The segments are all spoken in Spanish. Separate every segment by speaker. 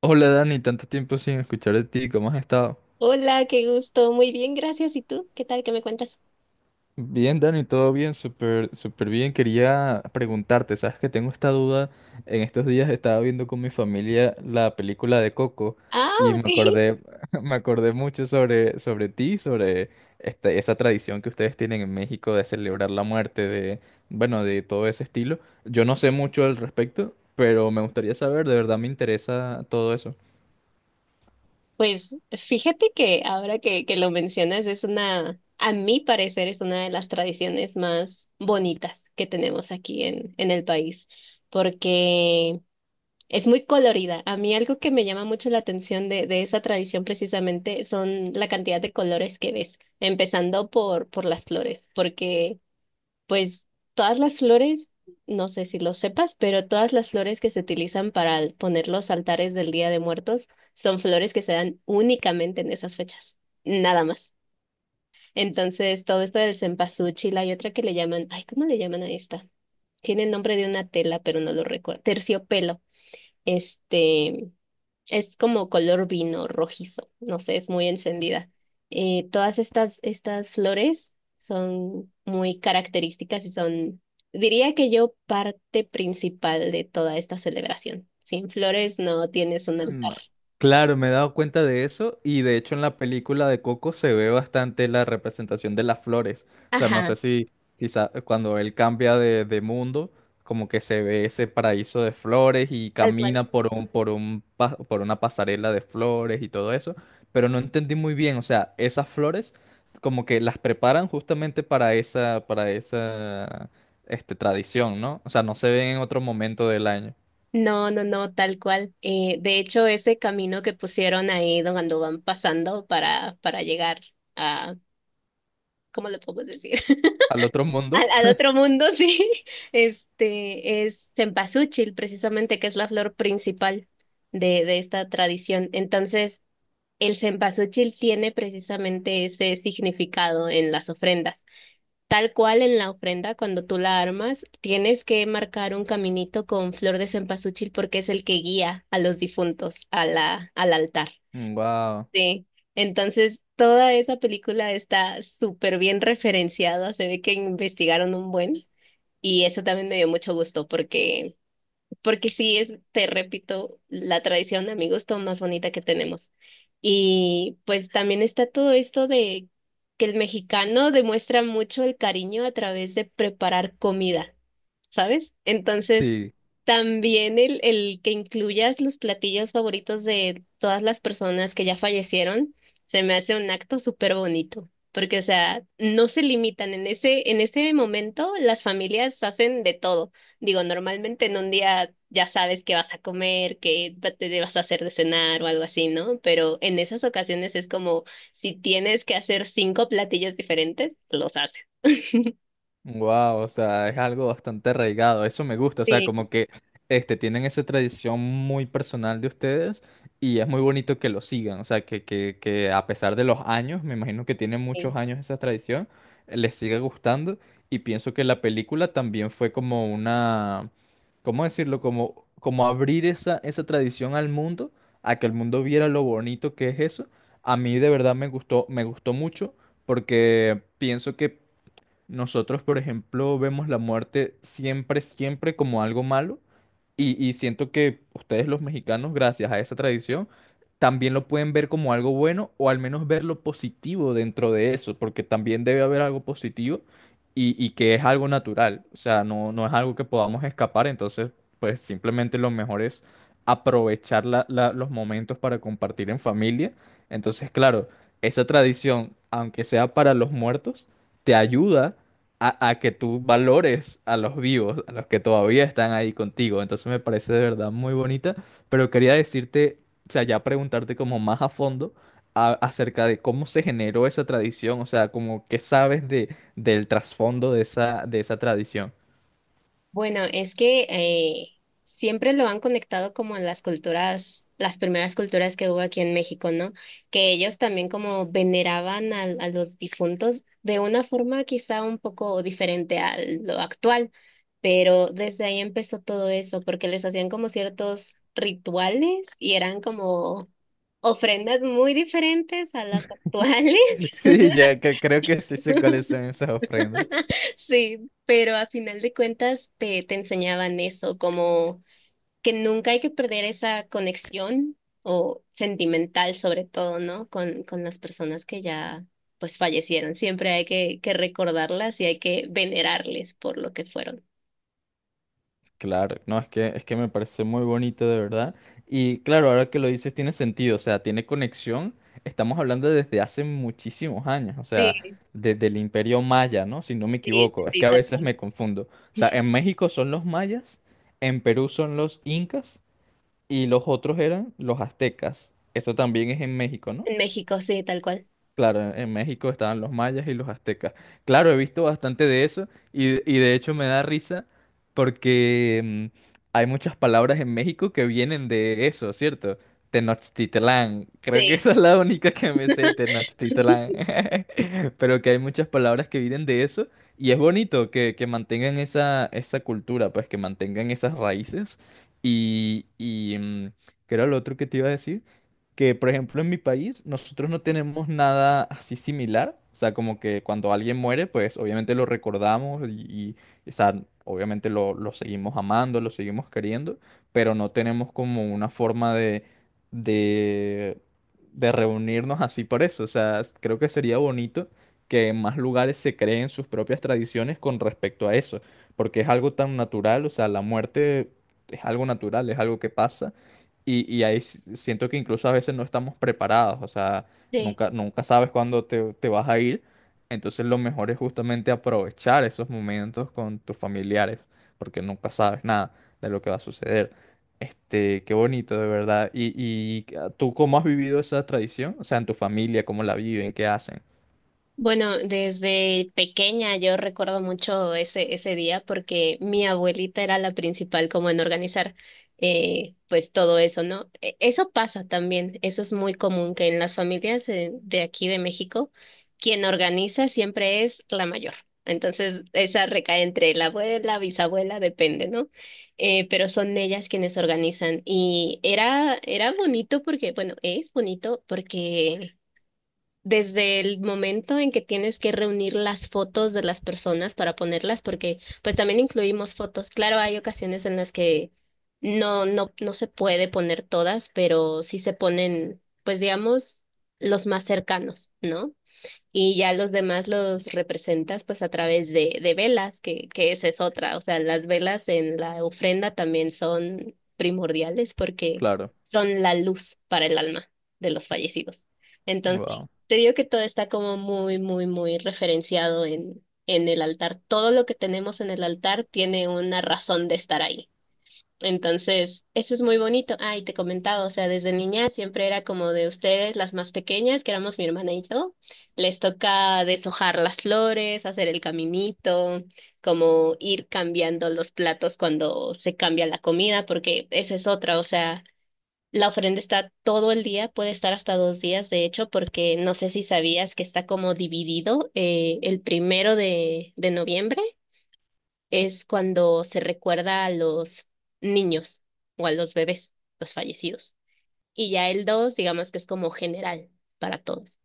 Speaker 1: Hola Dani, tanto tiempo sin escuchar de ti, ¿cómo has estado?
Speaker 2: Hola, qué gusto. Muy bien, gracias. ¿Y tú? ¿Qué tal? ¿Qué me cuentas?
Speaker 1: Bien, Dani, todo bien, súper, súper bien. Quería preguntarte, sabes que tengo esta duda. En estos días estaba viendo con mi familia la película de Coco
Speaker 2: Ah,
Speaker 1: y me
Speaker 2: ok.
Speaker 1: acordé, me acordé mucho sobre, sobre ti, sobre esta esa tradición que ustedes tienen en México de celebrar la muerte, de, bueno, de todo ese estilo. Yo no sé mucho al respecto, pero me gustaría saber, de verdad me interesa todo eso.
Speaker 2: Pues fíjate que ahora que lo mencionas es una, a mi parecer, es una de las tradiciones más bonitas que tenemos aquí en el país, porque es muy colorida. A mí algo que me llama mucho la atención de esa tradición precisamente son la cantidad de colores que ves, empezando por las flores, porque... Pues todas las flores, no sé si lo sepas, pero todas las flores que se utilizan para poner los altares del Día de Muertos son flores que se dan únicamente en esas fechas, nada más. Entonces, todo esto del cempasúchil, hay otra que le llaman, ay, ¿cómo le llaman a esta? Tiene el nombre de una tela, pero no lo recuerdo. Terciopelo. Este, es como color vino rojizo, no sé, es muy encendida. Todas estas flores son muy características y son, diría que yo, parte principal de toda esta celebración. Sin flores no tienes un altar.
Speaker 1: No. Claro, me he dado cuenta de eso y de hecho en la película de Coco se ve bastante la representación de las flores. O sea, no sé
Speaker 2: Ajá,
Speaker 1: si quizá cuando él cambia de mundo, como que se ve ese paraíso de flores y
Speaker 2: tal cual.
Speaker 1: camina por un, por una pasarela de flores y todo eso, pero no entendí muy bien, o sea, esas flores como que las preparan justamente para esa, este, tradición, ¿no? O sea, no se ven en otro momento del año.
Speaker 2: No, no, no, tal cual. De hecho, ese camino que pusieron ahí cuando van pasando para llegar a, ¿cómo le puedo decir?
Speaker 1: Al otro
Speaker 2: al,
Speaker 1: mundo.
Speaker 2: al otro mundo, sí, este es cempasúchil, precisamente, que es la flor principal de esta tradición. Entonces, el cempasúchil tiene precisamente ese significado en las ofrendas. Tal cual en la ofrenda, cuando tú la armas, tienes que marcar un caminito con flor de cempasúchil porque es el que guía a los difuntos a la, al altar.
Speaker 1: Wow.
Speaker 2: Sí. Entonces, toda esa película está súper bien referenciada, se ve que investigaron un buen. Y eso también me dio mucho gusto porque, porque sí es, te repito, la tradición de amigos todo más bonita que tenemos. Y pues también está todo esto de que el mexicano demuestra mucho el cariño a través de preparar comida, ¿sabes? Entonces,
Speaker 1: Sí,
Speaker 2: también el que incluyas los platillos favoritos de todas las personas que ya fallecieron, se me hace un acto súper bonito. Porque, o sea, no se limitan. En ese momento, las familias hacen de todo. Digo, normalmente en un día ya sabes qué vas a comer, te vas a hacer de cenar o algo así, ¿no? Pero en esas ocasiones es como si tienes que hacer 5 platillos diferentes, los haces.
Speaker 1: wow, o sea, es algo bastante arraigado, eso me gusta, o sea,
Speaker 2: Sí,
Speaker 1: como que este, tienen esa tradición muy personal de ustedes y es muy bonito que lo sigan, o sea, que a pesar de los años, me imagino que tienen muchos
Speaker 2: sí.
Speaker 1: años esa tradición, les siga gustando y pienso que la película también fue como una, ¿cómo decirlo? Como, como abrir esa, esa tradición al mundo, a que el mundo viera lo bonito que es eso. A mí de verdad me gustó mucho porque pienso que nosotros, por ejemplo, vemos la muerte siempre, siempre como algo malo y siento que ustedes los mexicanos, gracias a esa tradición, también lo pueden ver como algo bueno o al menos ver lo positivo dentro de eso, porque también debe haber algo positivo y que es algo natural, o sea, no, no es algo que podamos escapar, entonces, pues simplemente lo mejor es aprovechar los momentos para compartir en familia. Entonces, claro, esa tradición, aunque sea para los muertos, te ayuda a que tú valores a los vivos, a los que todavía están ahí contigo. Entonces me parece de verdad muy bonita, pero quería decirte, o sea, ya preguntarte como más a fondo acerca de cómo se generó esa tradición, o sea, como qué sabes de, del trasfondo de esa tradición.
Speaker 2: Bueno, es que siempre lo han conectado como en las culturas, las primeras culturas que hubo aquí en México, ¿no? Que ellos también como veneraban a los difuntos de una forma quizá un poco diferente a lo actual, pero desde ahí empezó todo eso, porque les hacían como ciertos rituales y eran como ofrendas muy diferentes a las actuales,
Speaker 1: Sí, ya que creo que sí sé cuáles son esas ofrendas.
Speaker 2: sí, pero a final de cuentas te enseñaban eso, como que nunca hay que perder esa conexión o sentimental sobre todo, ¿no? Con las personas que ya pues fallecieron. Siempre hay que recordarlas y hay que venerarles por lo que fueron.
Speaker 1: Claro, no, es que me parece muy bonito de verdad. Y claro, ahora que lo dices tiene sentido, o sea, tiene conexión. Estamos hablando desde hace muchísimos años, o sea,
Speaker 2: Sí,
Speaker 1: desde el Imperio Maya, ¿no? Si no me
Speaker 2: sí, sí,
Speaker 1: equivoco, es
Speaker 2: sí,
Speaker 1: que a
Speaker 2: tal
Speaker 1: veces
Speaker 2: cual.
Speaker 1: me confundo. O sea, en México son los mayas, en Perú son los incas y los otros eran los aztecas. Eso también es en México, ¿no?
Speaker 2: En México, sí, tal cual.
Speaker 1: Claro, en México estaban los mayas y los aztecas. Claro, he visto bastante de eso y de hecho me da risa porque hay muchas palabras en México que vienen de eso, ¿cierto? Tenochtitlán. Creo que
Speaker 2: Sí,
Speaker 1: esa es la única que me sé, Tenochtitlán. Pero que hay muchas palabras que vienen de eso y es bonito que mantengan esa, esa cultura, pues que mantengan esas raíces. Y, ¿qué era lo otro que te iba a decir? Que, por ejemplo, en mi país nosotros no tenemos nada así similar. O sea, como que cuando alguien muere, pues obviamente lo recordamos y, o sea, obviamente lo seguimos amando, lo seguimos queriendo, pero no tenemos como una forma de, de reunirnos así por eso. O sea, creo que sería bonito que en más lugares se creen sus propias tradiciones con respecto a eso, porque es algo tan natural, o sea, la muerte es algo natural, es algo que pasa y ahí siento que incluso a veces no estamos preparados, o sea,
Speaker 2: sí.
Speaker 1: nunca, nunca sabes cuándo te vas a ir. Entonces lo mejor es justamente aprovechar esos momentos con tus familiares, porque nunca sabes nada de lo que va a suceder. Este, qué bonito, de verdad. ¿Y, tú cómo has vivido esa tradición? O sea, en tu familia, ¿cómo la viven? ¿Qué hacen?
Speaker 2: Bueno, desde pequeña yo recuerdo mucho ese día porque mi abuelita era la principal como en organizar pues todo eso, ¿no? Eso pasa también, eso es muy común que en las familias de aquí de México, quien organiza siempre es la mayor. Entonces, esa recae entre la abuela, bisabuela, depende, ¿no? Pero son ellas quienes organizan y era, era bonito porque, bueno, es bonito porque desde el momento en que tienes que reunir las fotos de las personas para ponerlas, porque pues también incluimos fotos. Claro, hay ocasiones en las que no, no, no se puede poner todas, pero sí se ponen, pues digamos, los más cercanos, ¿no? Y ya los demás los representas pues a través de velas, que esa es otra. O sea, las velas en la ofrenda también son primordiales porque
Speaker 1: Claro.
Speaker 2: son la luz para el alma de los fallecidos. Entonces,
Speaker 1: Wow.
Speaker 2: te digo que todo está como muy, muy, muy referenciado en el altar. Todo lo que tenemos en el altar tiene una razón de estar ahí. Entonces, eso es muy bonito. Ah, y te comentaba, o sea, desde niña siempre era como de ustedes, las más pequeñas, que éramos mi hermana y yo, les toca deshojar las flores, hacer el caminito, como ir cambiando los platos cuando se cambia la comida, porque esa es otra, o sea, la ofrenda está todo el día, puede estar hasta 2 días, de hecho, porque no sé si sabías que está como dividido el primero de noviembre es cuando se recuerda a los niños o a los bebés, los fallecidos. Y ya el 2 digamos que es como general para todos.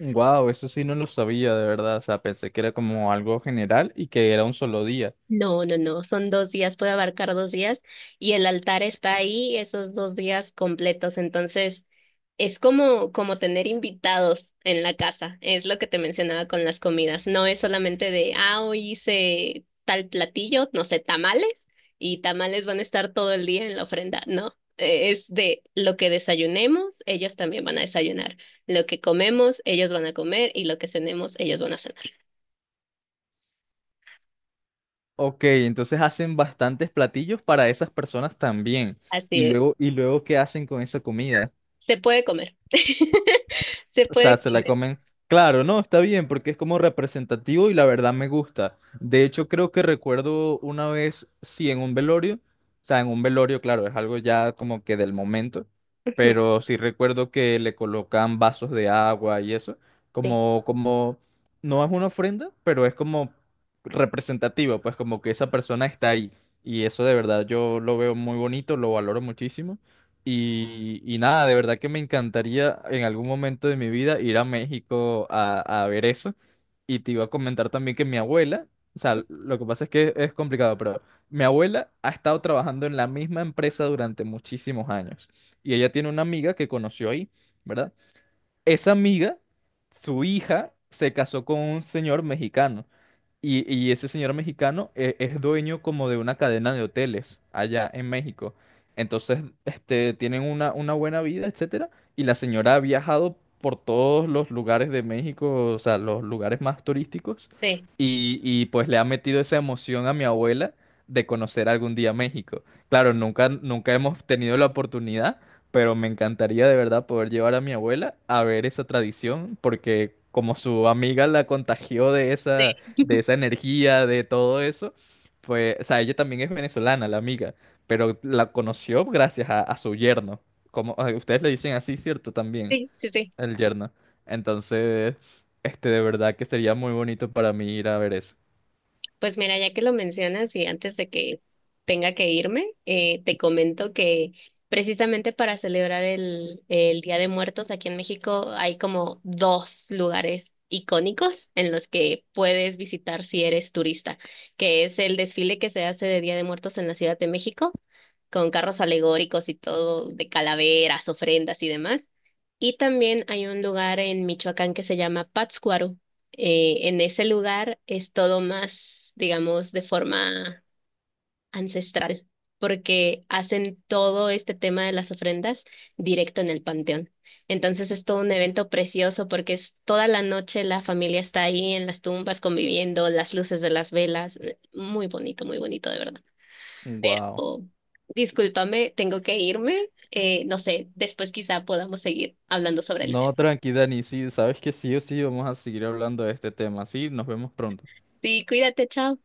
Speaker 1: Wow, eso sí no lo sabía, de verdad. O sea, pensé que era como algo general y que era un solo día.
Speaker 2: No, no, no, son 2 días, puede abarcar 2 días y el altar está ahí esos 2 días completos, entonces es como, como tener invitados en la casa, es lo que te mencionaba con las comidas, no es solamente de, ah, hoy hice tal platillo, no sé, tamales y tamales van a estar todo el día en la ofrenda, no, es de lo que desayunemos, ellos también van a desayunar, lo que comemos, ellos van a comer y lo que cenemos, ellos van a cenar.
Speaker 1: Ok, entonces hacen bastantes platillos para esas personas también.
Speaker 2: Así es.
Speaker 1: Y luego, ¿qué hacen con esa comida?
Speaker 2: Se puede comer. Se
Speaker 1: O sea,
Speaker 2: puede
Speaker 1: se la
Speaker 2: comer.
Speaker 1: comen. Claro, no, está bien, porque es como representativo y la verdad me gusta. De hecho, creo que recuerdo una vez, sí, en un velorio. O sea, en un velorio, claro, es algo ya como que del momento.
Speaker 2: Ujú.
Speaker 1: Pero sí recuerdo que le colocan vasos de agua y eso.
Speaker 2: Sí,
Speaker 1: Como, como, no es una ofrenda, pero es como representativo, pues como que esa persona está ahí. Y eso de verdad yo lo veo muy bonito, lo valoro muchísimo. Y nada, de verdad que me encantaría en algún momento de mi vida ir a México a ver eso. Y te iba a comentar también que mi abuela, o sea, lo que pasa es que es complicado, pero mi abuela ha estado trabajando en la misma empresa durante muchísimos años. Y ella tiene una amiga que conoció ahí, ¿verdad? Esa amiga, su hija, se casó con un señor mexicano. Y ese señor mexicano es, dueño como de una cadena de hoteles allá en México. Entonces, este, tienen una buena vida, etcétera. Y la señora ha viajado por todos los lugares de México, o sea, los lugares más turísticos.
Speaker 2: sí,
Speaker 1: Y pues le ha metido esa emoción a mi abuela de conocer algún día México. Claro, nunca, nunca hemos tenido la oportunidad, pero me encantaría de verdad poder llevar a mi abuela a ver esa tradición, porque como su amiga la contagió
Speaker 2: sí.
Speaker 1: de esa energía, de todo eso, pues, o sea, ella también es venezolana, la amiga, pero la conoció gracias a su yerno. Como, ah, ustedes le dicen así, ¿cierto? También,
Speaker 2: Sí, sí, sí.
Speaker 1: el yerno. Entonces, este, de verdad que sería muy bonito para mí ir a ver eso.
Speaker 2: Pues mira, ya que lo mencionas y antes de que tenga que irme, te comento que precisamente para celebrar el Día de Muertos aquí en México hay como 2 lugares icónicos en los que puedes visitar si eres turista, que es el desfile que se hace de Día de Muertos en la Ciudad de México, con carros alegóricos y todo de calaveras, ofrendas y demás. Y también hay un lugar en Michoacán que se llama Pátzcuaro. Eh, en ese lugar es todo más, digamos, de forma ancestral, porque hacen todo este tema de las ofrendas directo en el panteón. Entonces es todo un evento precioso porque es toda la noche la familia está ahí en las tumbas conviviendo, las luces de las velas, muy bonito de verdad.
Speaker 1: Wow.
Speaker 2: Pero discúlpame, tengo que irme. No sé, después quizá podamos seguir hablando sobre el
Speaker 1: No,
Speaker 2: tema.
Speaker 1: tranqui Dani, sí, sabes que sí o sí vamos a seguir hablando de este tema. Sí, nos vemos pronto.
Speaker 2: Sí, cuídate, chao.